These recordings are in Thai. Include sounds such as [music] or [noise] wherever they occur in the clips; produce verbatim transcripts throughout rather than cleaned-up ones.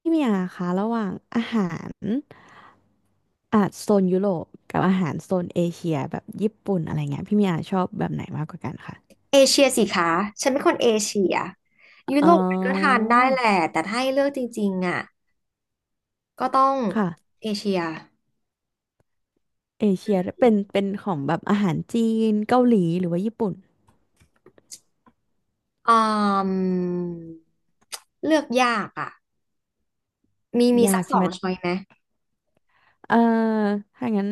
พี่เมียคะระหว่างอาหารอ่ะโซนยุโรปกับอาหารโซนเอเชียแบบญี่ปุ่นอะไรเงี้ยพี่เมียชอบแบบไหนมากกว่ากันคะเอเชียสิคะฉันเป็นคนเอเชียยุอ๋อโรปก็ทานได้แหละ แต่ถ้าให้เลือกจริงๆอ่ะก็ต้องค่ะเอเชียเอเชียเป็นเป็นของแบบอาหารจีนเกาหลีหรือว่าญี่ปุ่นอืมเลือกยากอ่ะมีมียาสักกสใช่อไหมงช้อยไหมเอ่อถ้างั้น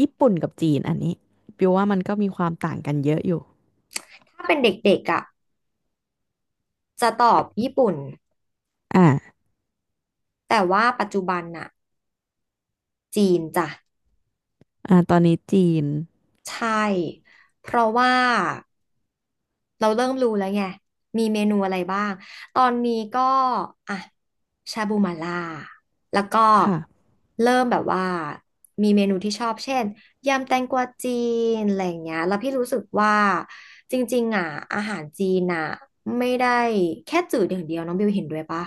ญี่ปุ่นกับจีนอันนี้ปิวว่ามันก็มีความต่างกันเยอะอยู่ถ้าเป็นเด็กๆอ่ะจะตอบญี่ปุ่นอ่าแต่ว่าปัจจุบันน่ะจีนจ้ะอ่าตอนนี้จีนใช่เพราะว่า เราเริ่มรู้แล้วไง มีเมนูอะไรบ้าง ตอนนี้ก็อ่ะชาบูหม่าล่าแล้วก็ค่ะเริ่มแบบว่ามีเมนูที่ชอบเช่นยำแตงกวาจีนอะไรอย่างเงี้ยแล้วพี่รู้สึกว่าจริงๆอ่ะอาหารจีนอ่ะไม่ได้แค่จืดอย่างเดียวน้องบิวเห็นด้วยปะ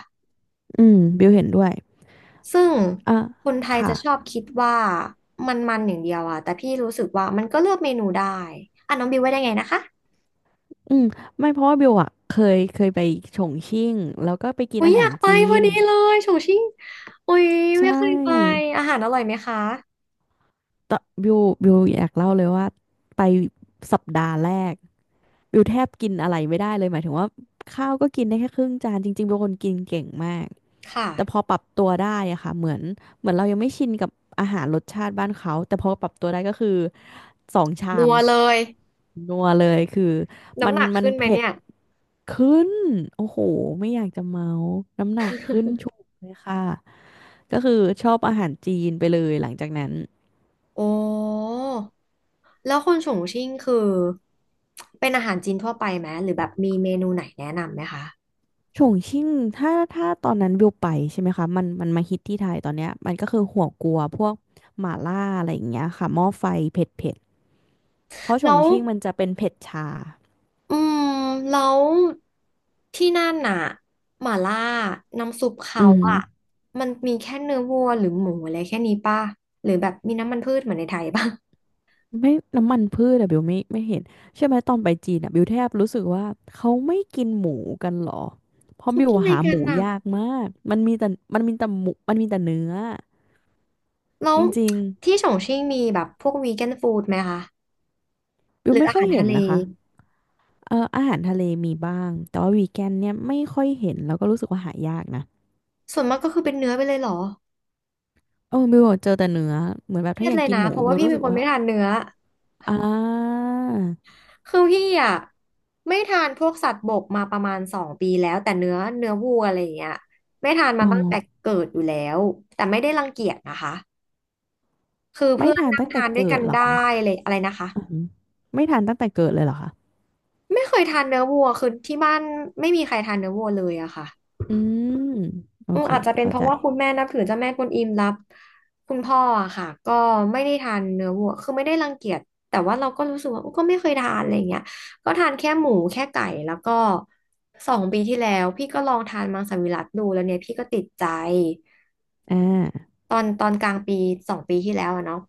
อืมบิวเห็นด้วยซึ่งอ่าคนไทยค่ะ จะชอบคิดว่ามันมันอย่างเดียวอะแต่พี่รู้สึกว่ามันก็เลือกเมนูได้อ่ะน้องบิวว่าได้ไงนะคะ อืมไม่เพราะว่าบิวอะเคยเคยไปฉงชิ่งแล้วก็ไปกินโอ้ยอาอหายารกไปจีพอนดีเลยโฉชิ่งโอ้ยใชไม่เคยไป่อาหารอร่อยไหมคะตอนบิวบิวอยากเล่าเลยว่าไปสัปดาห์แรกบิวแทบกินอะไรไม่ได้เลยหมายถึงว่าข้าวก็กินได้แค่ครึ่งจานจริงๆบิวเป็นคนกินเก่งมากค่ะแต่พอปรับตัวได้อะค่ะเหมือนเหมือนเรายังไม่ชินกับอาหารรสชาติบ้านเขาแต่พอปรับตัวได้ก็คือสองชานัมวเลยนัวเลยคือมัน้ำนหนักมันขึ้นไหมเผ็ด เนี่ยขึ้น โอ้โห ไม่อยากจะเมาส์น้ำหนักขึ้นฉุกเลยค่ะ ก็คือชอบอาหารจีนไปเลยหลังจากนั้นโอ้แล้วคนโฉชิ่งคือเป็นอาหารจีนทั่วไปไหมหรือแบบมีเมนูไหนแนะนำไหมคะฉงชิ่งถ้าถ้าตอนนั้นวิวไปใช่ไหมคะ มันมันมาฮิตที่ไทยตอนเนี้ยมันก็คือหัวกัวพวกหม่าล่าอะไรอย่างเงี้ยค่ะหม้อไฟเผ็ดเผ็ดเพราะฉแล้งวชิ่งมันจะเป็นเผ็ดชาอืมแล้วที่นั่นน่ะหม่าล่าน้ำซุปเขาอือหือ อะมันมีแค่เนื้อวัวหรือหมูอะไรแค่นี้ป่ะหรือแบบมีน้ำมันพืชเหมือนในไทยป่ะ [laughs] ไม่น้ำมันพืชอะบิวไม่ไม่เห็นใช่อไหมตอนไปจีนอะบิวแทบรู้สึกว่าเขาไม่กินหมูกันหรอเพราะเขาบิวกินอะไรหากัหนมูน่ะ ยากมากมันมีแต่มันมีแต่หมูมันมีแต่เนื้อแล้จวริงที่ฉงชิ่งมีแบบพวกวีแกนฟู้ดไหมคะๆบิหวรือไม่อาค่อหายรเห็ทะนเลนะคะเอออาหารทะเลมีบ้างแต่ว่าวีแกนเนี่ยไม่ค่อยเห็นแล้วก็รู้สึกว่าหายากนะส่วนมากก็คือเป็นเนื้อไปเลยเหรอเออบิวเจอแต่เนื้อเหมือนแบบเครีถ้ายดอยาเลกยกินนะหมูเพราะบิว่าวพี่รู้เป็สึนกคนว่าไม่ทานเนื้ออ่าคือพี่อ่ะไม่ทานพวกสัตว์บกมาประมาณสองปีแล้วแต่เนื้อเนื้อวัวอะไรอย่างเงี้ยไม่ทานอ๋มาอตั้งแต่เกิดอยู่แล้วแต่ไม่ได้รังเกียจนะคะคือไม่เพื่อนทานนั่งตั้งแต่ทานด้วยเกิกัดนเหรอได้คะเลยอะไรนะคะอือหือไม่ทานตั้งแต่เกิดเลยเหรอคะไม่เคยทานเนื้อวัวคือที่บ้านไม่มีใครทานเนื้อวัวเลยอะค่ะ อืมโออืมเคอาจจะเป็นเข้าเพใจ ราะว่าคุณแม่นับถือเจ้าแม่กวนอิมรับคุณพ่ออะค่ะก็ไม่ได้ทานเนื้อวัวคือไม่ได้รังเกียจแต่ว่าเราก็รู้สึกว่าก็ไม่เคยทานอะไรเงี้ยก็ทานแค่หมูแค่ไก่แล้วก็สองปีที่แล้วพี่ก็ลองทานมังสวิรัติดูแล้วเนี่ยพี่ก็ติดใจ อ่าตอนตอนกลางปีสองปีที่แล้วอะเนาะ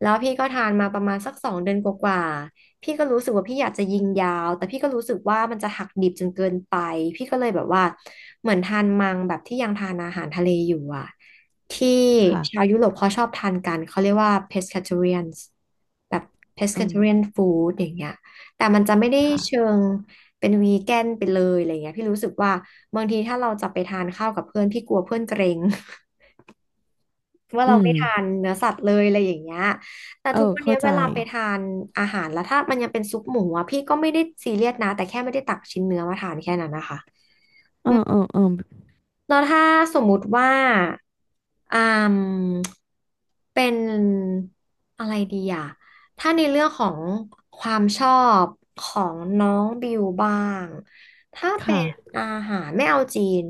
แล้วพี่ก็ทานมาประมาณสักสองเดือนกว่าๆพี่ก็รู้สึกว่าพี่อยากจะยิงยาว แต่พี่ก็รู้สึกว่ามันจะหักดิบจนเกินไป พี่ก็เลยแบบว่าเหมือนทานมังแบบที่ยังทานอาหารทะเลอยู่อะ ที่ค่ะชาวยุโรปเขาชอบทานกัน เขาเรียกว่า pescatarians แบบ อืม pescatarian food อย่างเงี้ยแต่มันจะไม่ได้เชิค่ะ งเป็นวีแกนไปเลยอะไรเงี้ยพี่รู้สึกว่าบางทีถ้าเราจะไปทานข้าวกับเพื่อนพี่กลัวเพื่อนเกรง ว่าอืเราม ไม่ทานเนื้อสัตว์เลยอะไรอย่างเงี้ยแต่เอทุกอวันเนี้เข้ายเวใจลาไปทานอาหารแล้วถ้ามันยังเป็นซุปหมูอ่ะพี่ก็ไม่ได้ซีเรียสนะแต่แค่ไม่ได้ตักชิ้นเนื้อมาทานแค่นั้นนะคะเออืมอเออเออแล้วถ้าสมมุติว่าอืมเป็นอะไรดีอ่ะถ้าในเรื่องของความชอบของน้องบิวบ้าง ถ้าเป็ค่ะ นอาหารไม่เอาจีน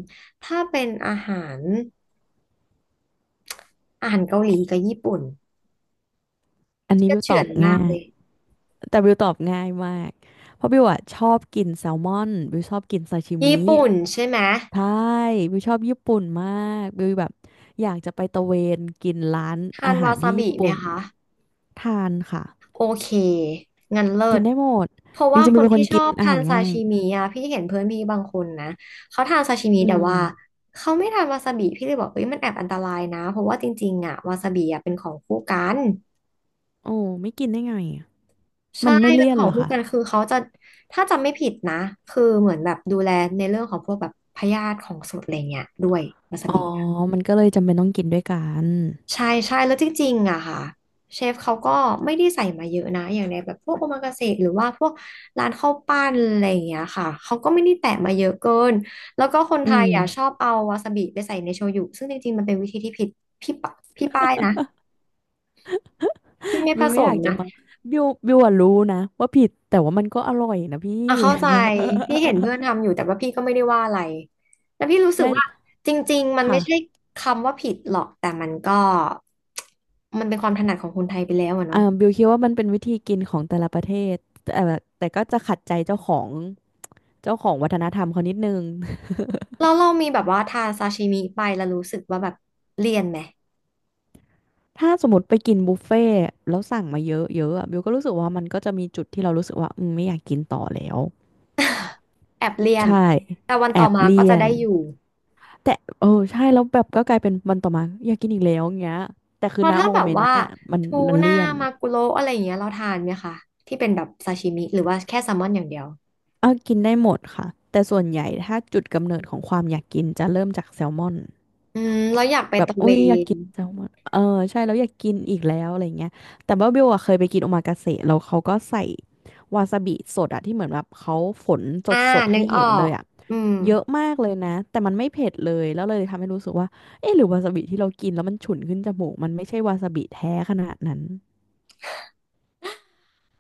ถ้าเป็นอาหารอาหารเกาหลีกับญี่ปุ่นอันนี้ก็บิวตเฉืออนบมาง่ากยเลย แต่บิวตอบง่ายมากเพราะบิวอะชอบกินแซลมอนบิวชอบกินซาชิญี่มิปุ่นใช่ไหมใช่บิวชอบญี่ปุ่นมากบิวแบบอยากจะไปตะเวนกินร้านทาอานหาวารซาที่บิญี่ไหมปุ่นคะทานค่ะ โอเคงั้นเลิกินศได้หมดเพราะจว่าริงๆคบิวนเป็นคที่นชกิอนบอาทาหานรซาง่ายชิมิอะพี่เห็นเพื่อนพี่บางคนนะเขาทานซาชิมิอืแต่มว่าเขาไม่ทานวาซาบิพี่เลยบอกเอ้ยมันแอบอันตรายนะเพราะว่าจริงๆอะวาซาบิอะเป็นของคู่กันโอ้ไม่กินได้ไงอะใช่มันไม่เป็นเลี่ยนขอเหงรอคู่คะกันคือเขาจะถ้าจำไม่ผิดนะคือเหมือนแบบดูแลในเรื่องของพวกแบบพยาธิของสดอะไรเงี้ยด้วยวาซาอ๋บิ อมันก็เลยจำเป็นต้องกินด้วยกัน ใช่ใช่แล้วจริงๆอะค่ะเชฟเขาก็ไม่ได้ใส่มาเยอะนะอย่างในแบบพวกโอมากาเสะหรือว่าพวกร้านข้าวปั้นอะไรอย่างเงี้ยค่ะเขาก็ไม่ได้แตะมาเยอะเกินแล้วก็คนอืไทยมอะชอบเอาวาซาบิไปใส่ในโชยุซึ่งจริงๆมันเป็นวิธีที่ผิดพี่ปะพี่ป้ายนะพี่ไม่ผบิวสไม่อมยากจะนะมาบิวบิวอะรู้นะว่าผิดแต่ว่ามันก็อร่อยนะพี่ อ่ะเข้าใจพี่เห็นเพื่อนทำอยู่แต่ว่าพี่ก็ไม่ได้ว่าอะไรแต่พี่รู้ [laughs] สึกใช่ว่าจริงๆมันค่ะไม่ใช่คำว่าผิดหรอกแต่มันก็มันเป็นความถนัดของคนไทยไปแล้วอะอ่าเนาะ บิวคิดว่ามันเป็นวิธีกินของแต่ละประเทศแต่แต่ก็จะขัดใจเจ้าของเจ้าของวัฒนธรรมเขานิดนึง แล้วเรามีแบบว่าทานซาชิมิไปแล้วรู้สึกว่าแบบเลี่ยนไหม [laughs] ถ้าสมมติไปกินบุฟเฟ่ต์แล้วสั่งมาเยอะเยอะอะบิวก็รู้สึกว่ามันก็จะมีจุดที่เรารู้สึกว่าอืมไม่อยากกินต่อแล้วแอบเลี่ยนใช่แต่วันแอต่อบมาก็เลี่จะยนได้อยู่แต่เออใช่แล้วแบบก็กลายเป็นวันต่อมาอยากกินอีกแล้วอย่างเงี้ยแต่เพคือราะณถ้าโมแบบเมนต์ว่านะมันทูมันน่าเลี่ยน มากุโระอะไรอย่างเงี้ยเราทานไหมคะที่เป็นแบบซาชิมิหรือว่าแค่แซลมอนอย่างเดียวเออกินได้หมดค่ะแต่ส่วนใหญ่ถ้าจุดกำเนิดของความอยากกินจะเริ่มจากแซลมอนอืมเราอยากไปแบบตะเวอุ้ยอยากนกินแซลมอนเออใช่แล้วอยากกินอีกแล้วอะไรเงี้ยแต่ว่าเบิวอะเคยไปกินโอมากาเสะแล้วเขาก็ใส่วาซาบิสดอะที่เหมือนแบบเขาฝนสอ่าดสดนึให้กอเห็อนเลกยอะอืมเยอะมากเลยนะแต่มันไม่เผ็ดเลยแล้วเลยทำให้รู้สึกว่าเอ๊ะหรือวาซาบิที่เรากินแล้วมันฉุนขึ้นจมูกมันไม่ใช่วาซาบิแท้ขนาดนั้น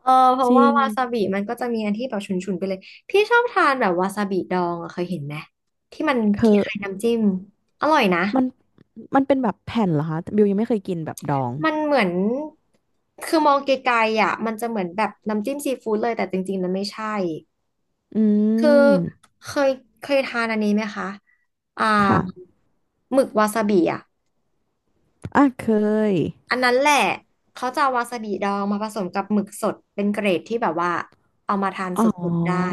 เออเพจราะริว่าวาซางบิมันก็จะมีอันที่แบบฉุนๆไปเลยพี่ชอบทานแบบวาซาบิดองอะเคยเห็นไหมที่มันเธคอล้ายๆน้ำจิ้มอร่อยนะ มันมันเป็นแบบแผ่นเหรอคะแต่บิวยังไม่เคยกินแบบดองมันเหมือนคือมองไกลๆอ่ะมันจะเหมือนแบบน้ำจิ้มซีฟู้ดเลยแต่จริงๆมันไม่ใช่อืคือม เคยเคยทานอันนี้ไหมคะอ่าค่ะ หมึกวาซาบิอ่ะอ่ะเคยอันนั้นแหละเขาจะเอาวาซาบิดองมาผสมกับหมึกสดเป็นเกรดที่แบบว่าเอามาทานอ๋สดๆได้ อ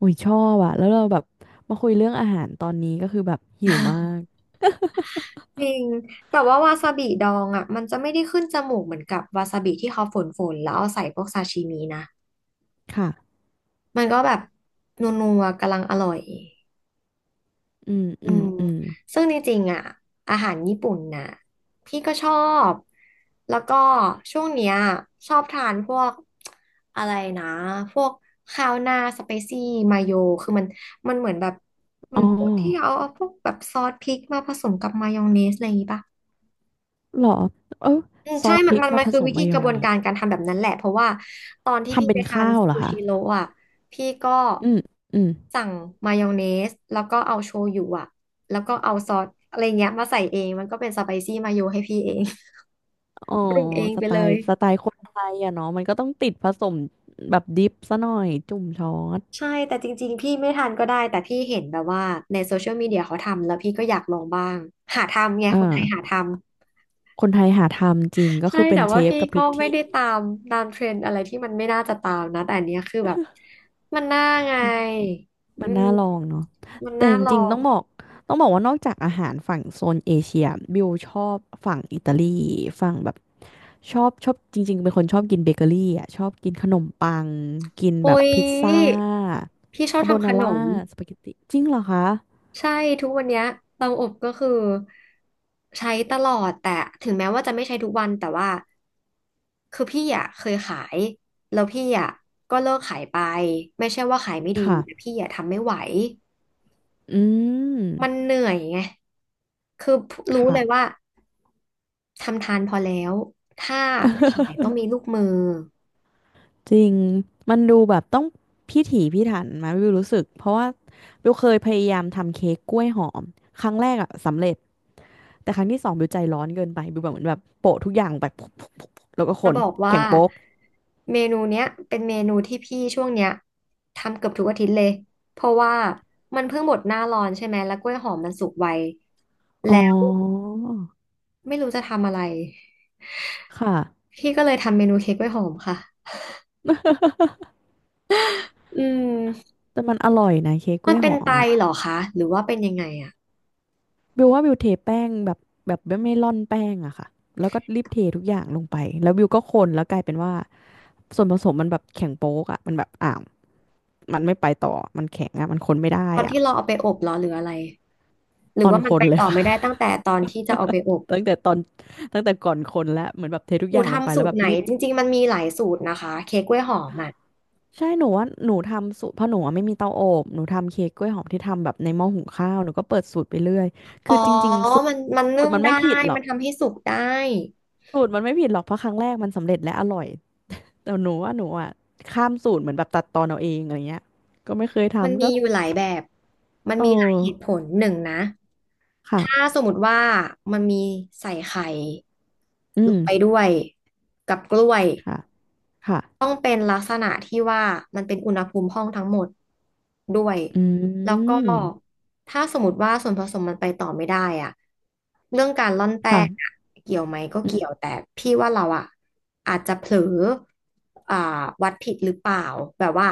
อุ้ยชอบอะแล้วเราแบบมาคุยเรื่องอาหารตอนนี้ก็คือแบบหิวมาก [laughs] จริงแต่ว่าวาซาบิดองอ่ะมันจะไม่ได้ขึ้นจมูกเหมือนกับวาซาบิที่เขาฝนๆแล้วเอาใส่พวกซาชิมินะค่ะมันก็แบบนัวๆกำลังอร่อย อืมอืมอืมซึ่งจริงๆอ่ะอาหารญี่ปุ่นน่ะพี่ก็ชอบแล้วก็ช่วงเนี้ยชอบทานพวกอะไรนะพวกข้าวหน้าสเปซี่มาโยคือมันมันเหมือนแบบมัอ๋นอพวกที่เอาเอาพวกแบบซอสพริกมาผสมกับมายองเนสอะไรอย่างงี้ปะ เหรอเอออืมซใช่อสพมันริกมันมามันผคือสวิมธีมายกอระงบวนเนกาสรการทำแบบนั้นแหละเพราะว่าตอนที่ทำพี่เป็ไปนทานข้าวเหรอซูคะ ชิโร่อะพี่ก็อืมอืมสั่งมายองเนสแล้วก็เอาโชยุอะแล้วก็เอาซอสอะไรเงี้ยมาใส่เองมันก็เป็นสไปซี่มาโยให้พี่เอง อ๋อ [laughs] ปรุงเองสไปไตเลล์ยสไตล์คนไทยอะเนาะมันก็ต้องติดผสมแบบดิปซะหน่อยจุ่มช้อนใช่แต่จริงๆพี่ไม่ทานก็ได้แต่พี่เห็นแบบว่าในโซเชียลมีเดียเขาทำแล้วพี่ก็อยากลองบ้างหาทำไงอ่คนไทยหาาทำ คนไทยหาทำจริงก็ใช่คือเป็แต่นเชว่าฟพี่กับทุก็กไม่ที่ ได้ตามตามเทรนด์อะไรที่มันไม่น่าจะตามนะแต่อันเนี้ยคือแบบมันน่าไงมัอืนน่าลองมเนาะมันแต่น่าจลริองงๆต้องบอกต้องบอกว่านอกจากอาหารฝั่งโซนเอเชียบิวชอบฝั่งอิตาลีฝั่งแบบชอบชอบจริงๆเป็นคนชอบกินเบเกอรี่อ่ะชอบกินขนมปังกินแบอุ๊บยพิซซ่าพี่ชอบคาโบทำขนานร่ามสปาเกตตีจริงเหรอคะใช่ทุกวันเนี้ยเตาอบก็คือใช้ตลอดแต่ถึงแม้ว่าจะไม่ใช้ทุกวันแต่ว่าคือพี่อ่ะเคยขายแล้วพี่อ่ะก็เลิกขายไปไม่ใช่ว่าขายไม่ดีค่ะแต่พี่อ่ะทำไม่ไหวอืมมันเหนื่อยไง คือรู้ค่ะเลยว่าทำทานพอแล้วถ้าจะขายต้องมีลูกมือจริงมันดูแบบต้องพิถีพิถันมาบิวรู้สึกเพราะว่าบิวเคยพยายามทำเค้กกล้วยหอมครั้งแรกอ่ะสำเร็จ แต่ครั้งที่สองบิวใจร้อนเกินไปบิวแบบเหมือนแบบโปะทุกอย่างแบบแล้วก็คแล้นบอกว่าแข็งโป๊กเมนูเนี้ยเป็นเมนูที่พี่ช่วงเนี้ยทำเกือบทุกอาทิตย์เลยเพราะว่ามันเพิ่งหมดหน้าร้อนใช่ไหมแล้วกล้วยหอมมันสุกไวอ๋อแล้วไม่รู้จะทำอะไรค่ะพี่ก็เลยทำเมนูเค้กกล้วยหอมค่ะอืมแต่มันอร่อยนะเค้กกมัล้นวยเป็หนอไตมอ่ะเหรอคะหรือว่าเป็นยังไงอะบิวว่าบิวเทแป้งแบบแบบไม่ไม่ร่อนแป้งอะค่ะแล้วก็รีบเททุกอย่างลงไปแล้วบิวก็คนแล้วกลายเป็นว่าส่วนผสมมันแบบแข็งโป๊กอะมันแบบอ่าวมันไม่ไปต่อมันแข็งอะมันคนไม่ได้ตอนอะที่เราเอาไปอบเหรอหรืออะไรหรืตออนว่ามัคนไปนเลยต่อค่ะ ไม่ได้ตั้งแต่ตอนที่จะเอาไปอบ [laughs] ตั้งแต่ตอนตั้งแต่ก่อนคนแล้วเหมือนแบบเททุกหอนูย่างลงไปทำสูแล้วตแบรบไหนรีบ จริงๆมันมีหลายสูตรนะคะเค้กกล้วยหอมอ่ะใช่หนูว่าหนูทำสูตรเพราะหนูอะไม่มีเตาอบหนูทำเค้กกล้วยหอมที่ทำแบบในหม้อหุงข้าวหนูก็เปิดสูตรไปเรื่อยอ๋คืออจริงๆสูตรมันมันสูนึ่ตรงมันไม่ได้ผิดหรอมักนทำให้สุกได้สูตรมันไม่ผิดหรอกเพราะครั้งแรกมันสำเร็จและอร่อยแต่หนูว่าหนูอ่ะข้ามสูตรเหมือนแบบตัดตอนเอาเองอะไรเงี้ยก็ไม่เคยมันทำมีก็อยู่หลายแบบมันเออมีหลายเหตุผลหนึ่งนะค่ะถ้าสมมติว่ามันมีใส่ไข่อืลมงไปด้วยกับกล้วย ค่ะค่ะต้องเป็นลักษณะที่ว่ามันเป็นอุณหภูมิห้องทั้งหมดด้วยอืแล้วก็มถ้าสมมติว่าส่วนผสมมันไปต่อไม่ได้อะเรื่องการร่อนแป้งอะค่ะเกี่ยวไหมก็อืมเกี่ยวแต่พี่ว่าเราอะอาจจะเผลออ่าวัดผิดหรือเปล่าแบบว่า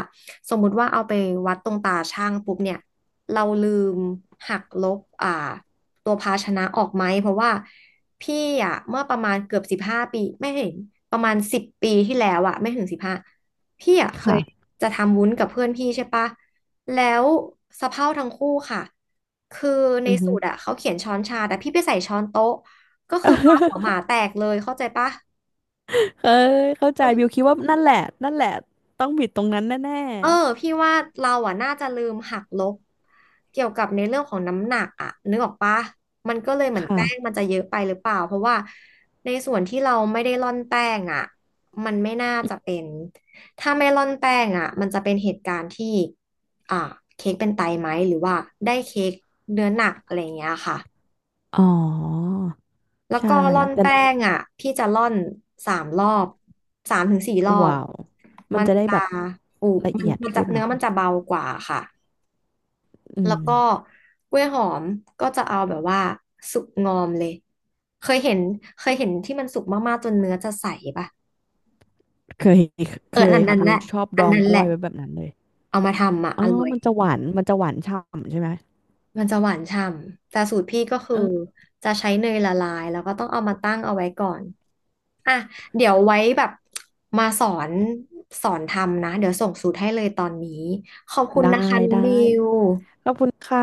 สมมุติว่าเอาไปวัดตรงตาช่างปุ๊บเนี่ยเราลืมหักลบอ่าตัวภาชนะออกไหมเพราะว่า พี่อะเมื่อประมาณเกือบสิบห้าปีไม่เห็นประมาณสิบปีที่แล้วอะไม่ถึงสิบห้าพี่อะเคยค่ะจะทำวุ้นกับเพื่อนพี่ใช่ปะแล้วสะเพร่าทั้งคู่ค่ะคือในอือสูฮึ ตรอะเขาเขียนช้อนชาแต่พี่ไปใส่ช้อนโต๊ะก็คือปลาหัวหมาแตกเลยเข้าใจปะ [laughs] เคยเข้าใจบิวคิดว่านั่นแหละนั่นแหละต้องบิดตรงนั้นแน่เออพี่ว่าเราอ่ะน่าจะลืมหักลบเกี่ยวกับในเรื่องของน้ำหนักอ่ะนึกออกปะมันก็เลยเหมือๆนค่ะ แป้งมันจะเยอะไปหรือเปล่าเพราะว่าในส่วนที่เราไม่ได้ร่อนแป้งอ่ะมันไม่น่าจะเป็นถ้าไม่ร่อนแป้งอ่ะมันจะเป็นเหตุการณ์ที่อ่าเค้กเป็นไตไหมหรือว่าได้เค้กเนื้อหนักอะไรอย่างเงี้ยค่ะอ๋อแล้วใช่ก็ร่อนแต่แป้งอ่ะพี่จะร่อนสามรอบสามถึงสี่รอบว้าวมันมันจะได้จะแบบอูละมันเอียดมันจะขึ้นเหรเนื้ออมันคะจะเบากว่าค่ะ อืแล้มวก็กล้วยหอมก็จะเอาแบบว่าสุกงอมเลยเคยเห็นเคยเห็นที่มันสุกมากๆจนเนื้อจะใสป่ะเคย [laughs] เอเคอยอันค่ะนั้นบิแหวละชอบอัดนองนั้นกแหล้วละยไว้แบบนั้นเลยเอามาทำอ่ะอ๋ออร่อยมันจะหวานมันจะหวานฉ่ำใช่ไหมมันจะหวานฉ่ำแต่สูตรพี่ก็คือเออจะใช้เนยละลายแล้วก็ต้องเอามาตั้งเอาไว้ก่อนอ่ะเดี๋ยวไว้แบบมาสอนสอนทำนะเดี๋ยวส่งสูตรให้เลยตอนนี้ขอบคุณนะได้คะน้องบิได้วขอบคุณค่ะ